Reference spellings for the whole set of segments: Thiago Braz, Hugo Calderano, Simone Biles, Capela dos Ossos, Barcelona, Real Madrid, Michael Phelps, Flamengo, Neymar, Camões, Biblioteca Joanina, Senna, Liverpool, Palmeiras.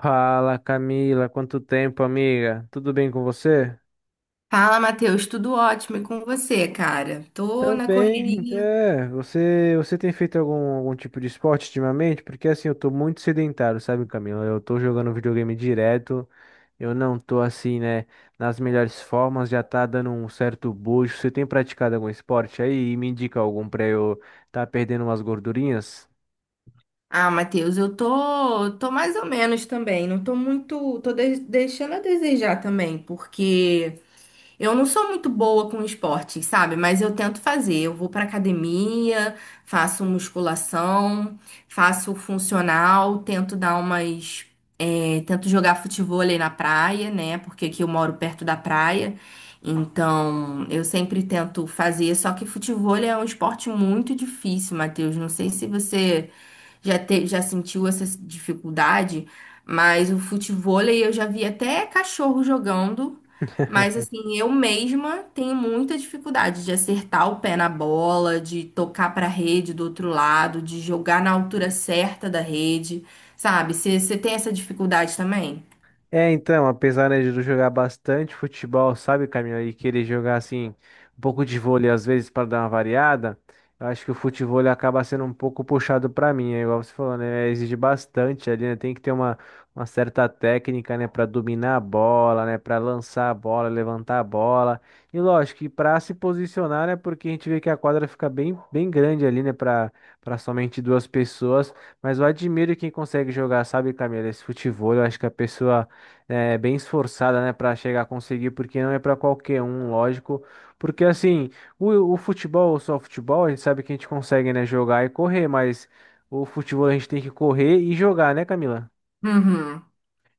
Fala, Camila, quanto tempo, amiga? Tudo bem com você? Fala, Matheus, tudo ótimo e com você, cara? Tô na Também, correria. é, você tem feito algum tipo de esporte ultimamente? Porque assim, eu tô muito sedentário, sabe, Camila? Eu tô jogando videogame direto, eu não tô assim, né, nas melhores formas, já tá dando um certo bucho. Você tem praticado algum esporte aí e me indica algum pra eu tá perdendo umas gordurinhas? Ah, Matheus, eu tô mais ou menos também. Não tô muito, deixando a desejar também, porque eu não sou muito boa com esporte, sabe? Mas eu tento fazer. Eu vou pra academia, faço musculação, faço funcional, tento dar umas É, tento jogar futevôlei na praia, né? Porque aqui eu moro perto da praia. Então, eu sempre tento fazer. Só que futevôlei é um esporte muito difícil, Matheus. Não sei se você já sentiu essa dificuldade, mas o futevôlei eu já vi até cachorro jogando. Mas, assim, eu mesma tenho muita dificuldade de acertar o pé na bola, de tocar para a rede do outro lado, de jogar na altura certa da rede. Sabe? Você tem essa dificuldade também? É, então, apesar, né, de eu jogar bastante futebol, sabe, Camila, e querer jogar assim um pouco de vôlei às vezes para dar uma variada, eu acho que o futebol ele acaba sendo um pouco puxado para mim, é igual você falou, né, exige bastante ali, né, tem que ter uma certa técnica, né, para dominar a bola, né, para lançar a bola, levantar a bola. E lógico que para se posicionar, né, porque a gente vê que a quadra fica bem bem grande ali, né, para somente duas pessoas. Mas eu admiro quem consegue jogar, sabe, Camila, esse futebol. Eu acho que a pessoa é bem esforçada, né, para chegar a conseguir, porque não é para qualquer um, lógico. Porque assim, o futebol, só o futebol, a gente sabe que a gente consegue, né, jogar e correr, mas o futebol a gente tem que correr e jogar, né, Camila? Uhum,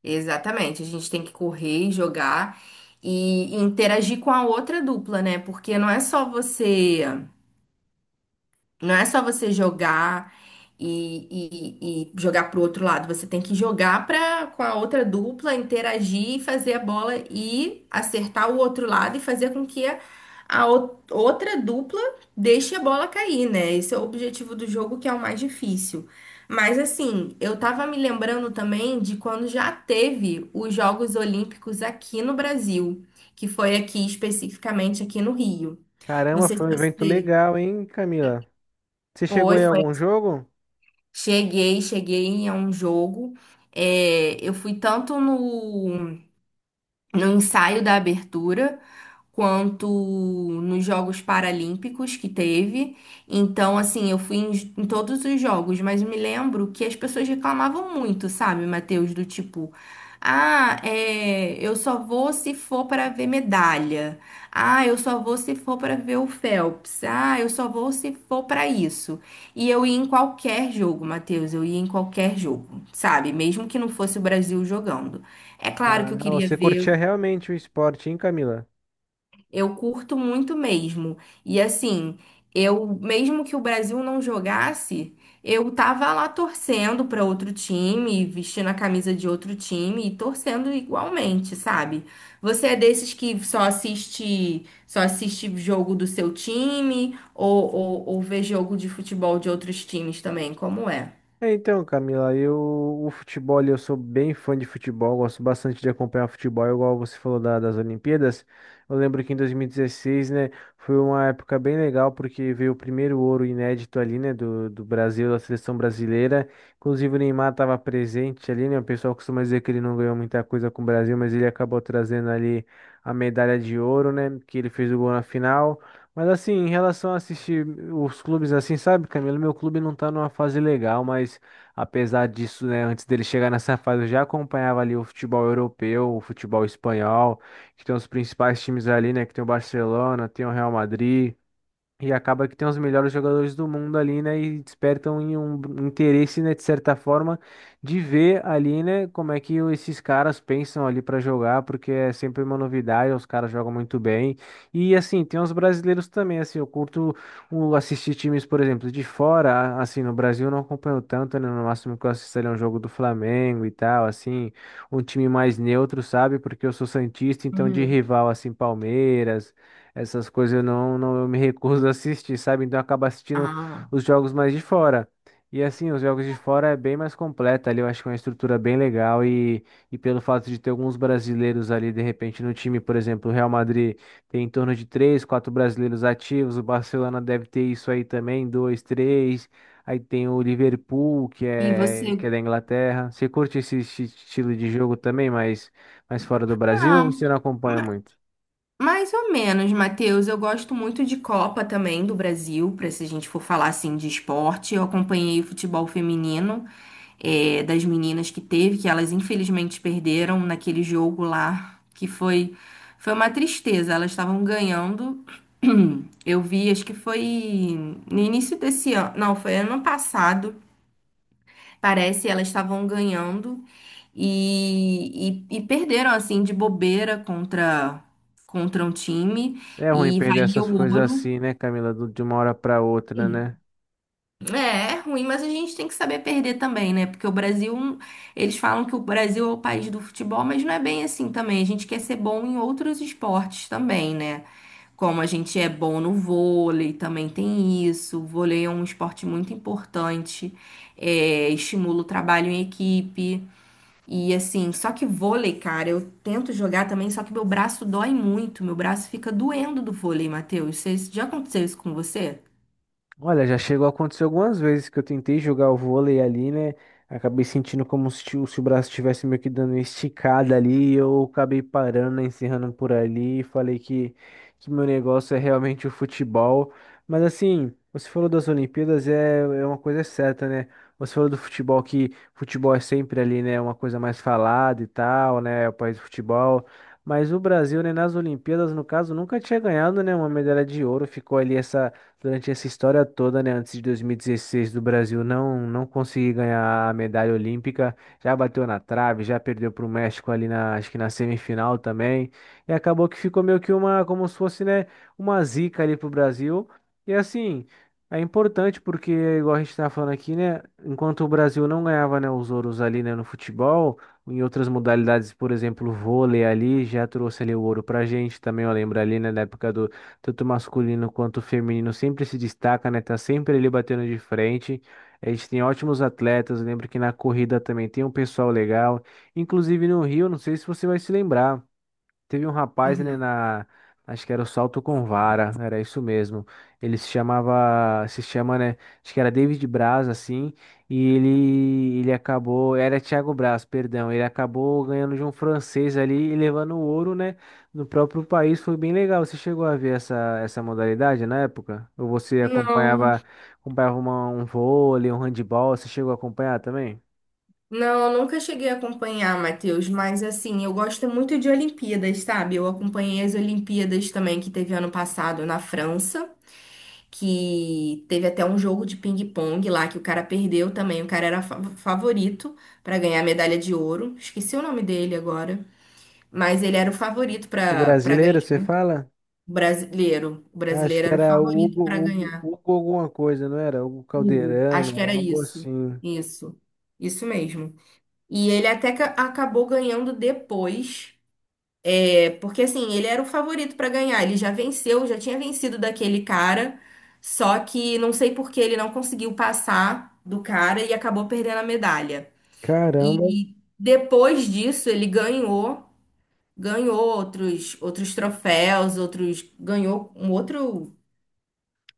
exatamente. A gente tem que correr, jogar e interagir com a outra dupla, né? Porque não é só você. Não é só você jogar e jogar pro outro lado. Você tem que jogar pra, com a outra dupla, interagir e fazer a bola e acertar o outro lado e fazer com que a, outra dupla deixe a bola cair, né? Esse é o objetivo do jogo, que é o mais difícil. Mas assim, eu tava me lembrando também de quando já teve os Jogos Olímpicos aqui no Brasil, que foi aqui especificamente aqui no Rio. Não Caramba, sei se foi um evento você legal, hein, Camila? Você chegou foi, em foi algum jogo? Cheguei a um jogo. É, eu fui tanto no, no ensaio da abertura, quanto nos Jogos Paralímpicos que teve. Então, assim, eu fui em, em todos os jogos, mas me lembro que as pessoas reclamavam muito, sabe, Matheus, do tipo. Ah, é, eu só vou se for para ver medalha. Ah, eu só vou se for para ver o Phelps. Ah, eu só vou se for para isso. E eu ia em qualquer jogo, Matheus, eu ia em qualquer jogo, sabe? Mesmo que não fosse o Brasil jogando. É claro que eu Ah, queria você curtia ver realmente o esporte, hein, Camila? eu curto muito mesmo. E assim, eu mesmo que o Brasil não jogasse, eu tava lá torcendo para outro time, vestindo a camisa de outro time e torcendo igualmente, sabe? Você é desses que só assiste jogo do seu time ou, ou vê jogo de futebol de outros times também? Como é? É, então, Camila, eu, o futebol, ali, eu sou bem fã de futebol, gosto bastante de acompanhar futebol, igual você falou das Olimpíadas. Eu lembro que em 2016, né, foi uma época bem legal, porque veio o primeiro ouro inédito ali, né, do Brasil, da seleção brasileira. Inclusive o Neymar estava presente ali, né, o pessoal costuma dizer que ele não ganhou muita coisa com o Brasil, mas ele acabou trazendo ali a medalha de ouro, né, que ele fez o gol na final. Mas assim, em relação a assistir os clubes assim, sabe, Camilo, meu clube não tá numa fase legal, mas apesar disso, né, antes dele chegar nessa fase, eu já acompanhava ali o futebol europeu, o futebol espanhol, que tem os principais times ali, né, que tem o Barcelona, tem o Real Madrid, e acaba que tem os melhores jogadores do mundo ali, né? E despertam em um interesse, né, de certa forma, de ver ali, né, como é que esses caras pensam ali para jogar, porque é sempre uma novidade, os caras jogam muito bem. E assim, tem os brasileiros também, assim, eu curto o assistir times, por exemplo, de fora, assim, no Brasil eu não acompanho tanto, né? No máximo que eu assisto ali é um jogo do Flamengo e tal, assim, um time mais neutro, sabe? Porque eu sou santista, então de Uhum. rival assim, Palmeiras, essas coisas eu não, eu me recuso a assistir, sabe? Então eu acabo assistindo Ah. os jogos mais de fora. E assim, os jogos de fora é bem mais completa ali, eu acho que é uma estrutura bem legal e pelo fato de ter alguns brasileiros ali de repente no time, por exemplo, o Real Madrid tem em torno de três, quatro brasileiros ativos, o Barcelona deve ter isso aí também, dois, três. Aí tem o Liverpool, que E é, que você? é da Inglaterra. Você curte esse estilo de jogo também, mas fora do Brasil Ah. ou você não acompanha muito? Mais ou menos, Matheus. Eu gosto muito de Copa também do Brasil, para se a gente for falar assim de esporte. Eu acompanhei o futebol feminino, das meninas que teve, que elas infelizmente perderam naquele jogo lá, que foi uma tristeza. Elas estavam ganhando. Eu vi, acho que foi no início desse ano, não, foi ano passado. Parece elas estavam ganhando e, e perderam assim de bobeira contra contra um time É ruim e perder valia essas o coisas ouro. assim, né, Camila, de uma hora pra outra, né? É, é ruim, mas a gente tem que saber perder também, né? Porque o Brasil, um, eles falam que o Brasil é o país do futebol, mas não é bem assim também. A gente quer ser bom em outros esportes também, né? Como a gente é bom no vôlei, também tem isso. O vôlei é um esporte muito importante, é, estimula o trabalho em equipe. E assim, só que vôlei, cara, eu tento jogar também, só que meu braço dói muito, meu braço fica doendo do vôlei, Matheus. Já aconteceu isso com você? Olha, já chegou a acontecer algumas vezes que eu tentei jogar o vôlei ali, né? Acabei sentindo como se, o se o braço estivesse meio que dando uma esticada ali, e eu acabei parando, né, encerrando por ali, e falei que meu negócio é realmente o futebol. Mas assim, você falou das Olimpíadas, é, é uma coisa certa, né? Você falou do futebol, que futebol é sempre ali, né, uma coisa mais falada e tal, né, é o país do futebol. Mas o Brasil, né, nas Olimpíadas, no caso, nunca tinha ganhado, né, uma medalha de ouro, ficou ali essa durante essa história toda, né, antes de 2016 do Brasil não conseguir ganhar a medalha olímpica, já bateu na trave, já perdeu para o México ali na, acho que na semifinal também, e acabou que ficou meio que uma, como se fosse, né, uma zica ali pro Brasil. E assim, é importante porque, igual a gente tá falando aqui, né, enquanto o Brasil não ganhava, né, os ouros ali, né, no futebol, em outras modalidades, por exemplo, o vôlei ali já trouxe ali o ouro pra gente, também eu lembro ali, né, na época do tanto masculino quanto feminino, sempre se destaca, né? Tá sempre ali batendo de frente. A gente tem ótimos atletas. Lembro que na corrida também tem um pessoal legal. Inclusive no Rio, não sei se você vai se lembrar. Teve um rapaz, né, Uhum. na, acho que era o salto com vara, era isso mesmo. Ele se chamava, se chama, né, acho que era David Braz, assim, e ele acabou, era Thiago Braz, perdão, ele acabou ganhando de um francês ali e levando o ouro, né, no próprio país, foi bem legal. Você chegou a ver essa, essa modalidade na época? Ou você Não, acompanhava, acompanhava um vôlei, um handball, você chegou a acompanhar também? não, eu nunca cheguei a acompanhar, Matheus, mas assim, eu gosto muito de Olimpíadas, sabe? Eu acompanhei as Olimpíadas também que teve ano passado na França, que teve até um jogo de ping-pong lá que o cara perdeu também, o cara era favorito pra ganhar a medalha de ouro. Esqueci o nome dele agora, mas ele era o favorito O pra para brasileiro, você fala? O brasileiro. O Acho que brasileiro era o era favorito para ganhar. Hugo alguma coisa, não era? Hugo Hugo, Calderano, acho que era algo isso. assim. Isso. Isso mesmo. E ele até acabou ganhando depois. É, porque assim, ele era o favorito para ganhar. Ele já venceu, já tinha vencido daquele cara. Só que não sei por que ele não conseguiu passar do cara e acabou perdendo a medalha. Caramba. E depois disso, ele ganhou. Ganhou outros, outros troféus, outros. Ganhou um outro.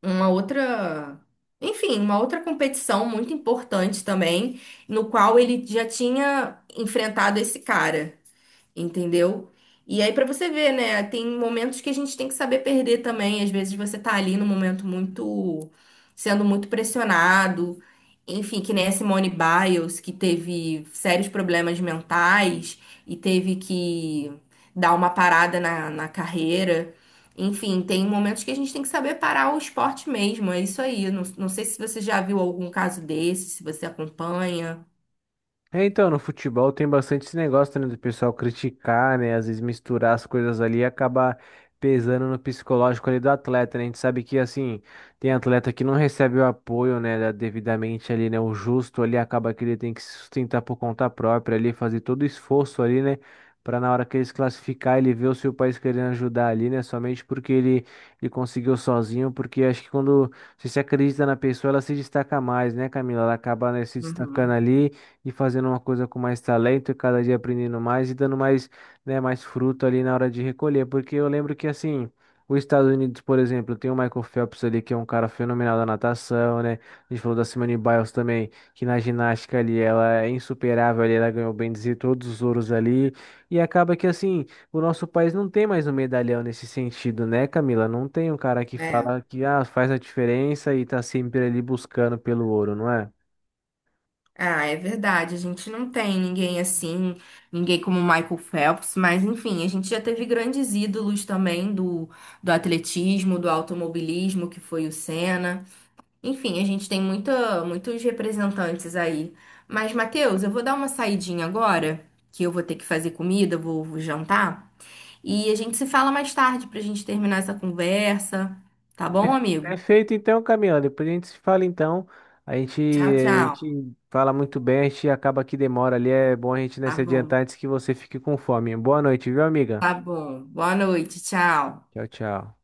Uma outra, enfim, uma outra competição muito importante também, no qual ele já tinha enfrentado esse cara. Entendeu? E aí, pra você ver, né? Tem momentos que a gente tem que saber perder também. Às vezes você tá ali num momento muito, sendo muito pressionado. Enfim, que nem a Simone Biles, que teve sérios problemas mentais e teve que dar uma parada na, na carreira. Enfim, tem momentos que a gente tem que saber parar o esporte mesmo. É isso aí. Não, não sei se você já viu algum caso desse, se você acompanha. É, então, no futebol tem bastante esse negócio, né, do pessoal criticar, né, às vezes misturar as coisas ali e acabar pesando no psicológico ali do atleta, né? A gente sabe que, assim, tem atleta que não recebe o apoio, né, devidamente ali, né, o justo ali, acaba que ele tem que se sustentar por conta própria ali, fazer todo o esforço ali, né, para na hora que ele se classificar, ele ver o seu país querendo ajudar ali, né, somente porque ele conseguiu sozinho, porque acho que quando você se acredita na pessoa, ela se destaca mais, né, Camila? Ela acaba, né, se destacando Uhum. ali e fazendo uma coisa com mais talento e cada dia aprendendo mais e dando mais, né, mais fruto ali na hora de recolher. Porque eu lembro que assim. Os Estados Unidos, por exemplo, tem o Michael Phelps ali, que é um cara fenomenal da natação, né? A gente falou da Simone Biles também, que na ginástica ali ela é insuperável ali, ela ganhou, bem dizer, todos os ouros ali. E acaba que assim, o nosso país não tem mais um medalhão nesse sentido, né, Camila? Não tem um cara que É. fala que ah, faz a diferença e tá sempre ali buscando pelo ouro, não é? Ah, é verdade. A gente não tem ninguém assim, ninguém como Michael Phelps, mas enfim, a gente já teve grandes ídolos também do, do atletismo, do automobilismo, que foi o Senna. Enfim, a gente tem muita, muitos representantes aí. Mas, Matheus, eu vou dar uma saidinha agora, que eu vou ter que fazer comida, eu vou jantar. E a gente se fala mais tarde pra gente terminar essa conversa. Tá bom, amigo? Perfeito, então, Camila. Depois a gente se fala, então. A gente, Tchau, a tchau. gente fala muito bem, a gente acaba que demora ali. É bom a gente, né, Tá se bom, adiantar antes que você fique com fome. Boa noite, viu, amiga? tá bom. Boa noite, tchau. Tchau, tchau.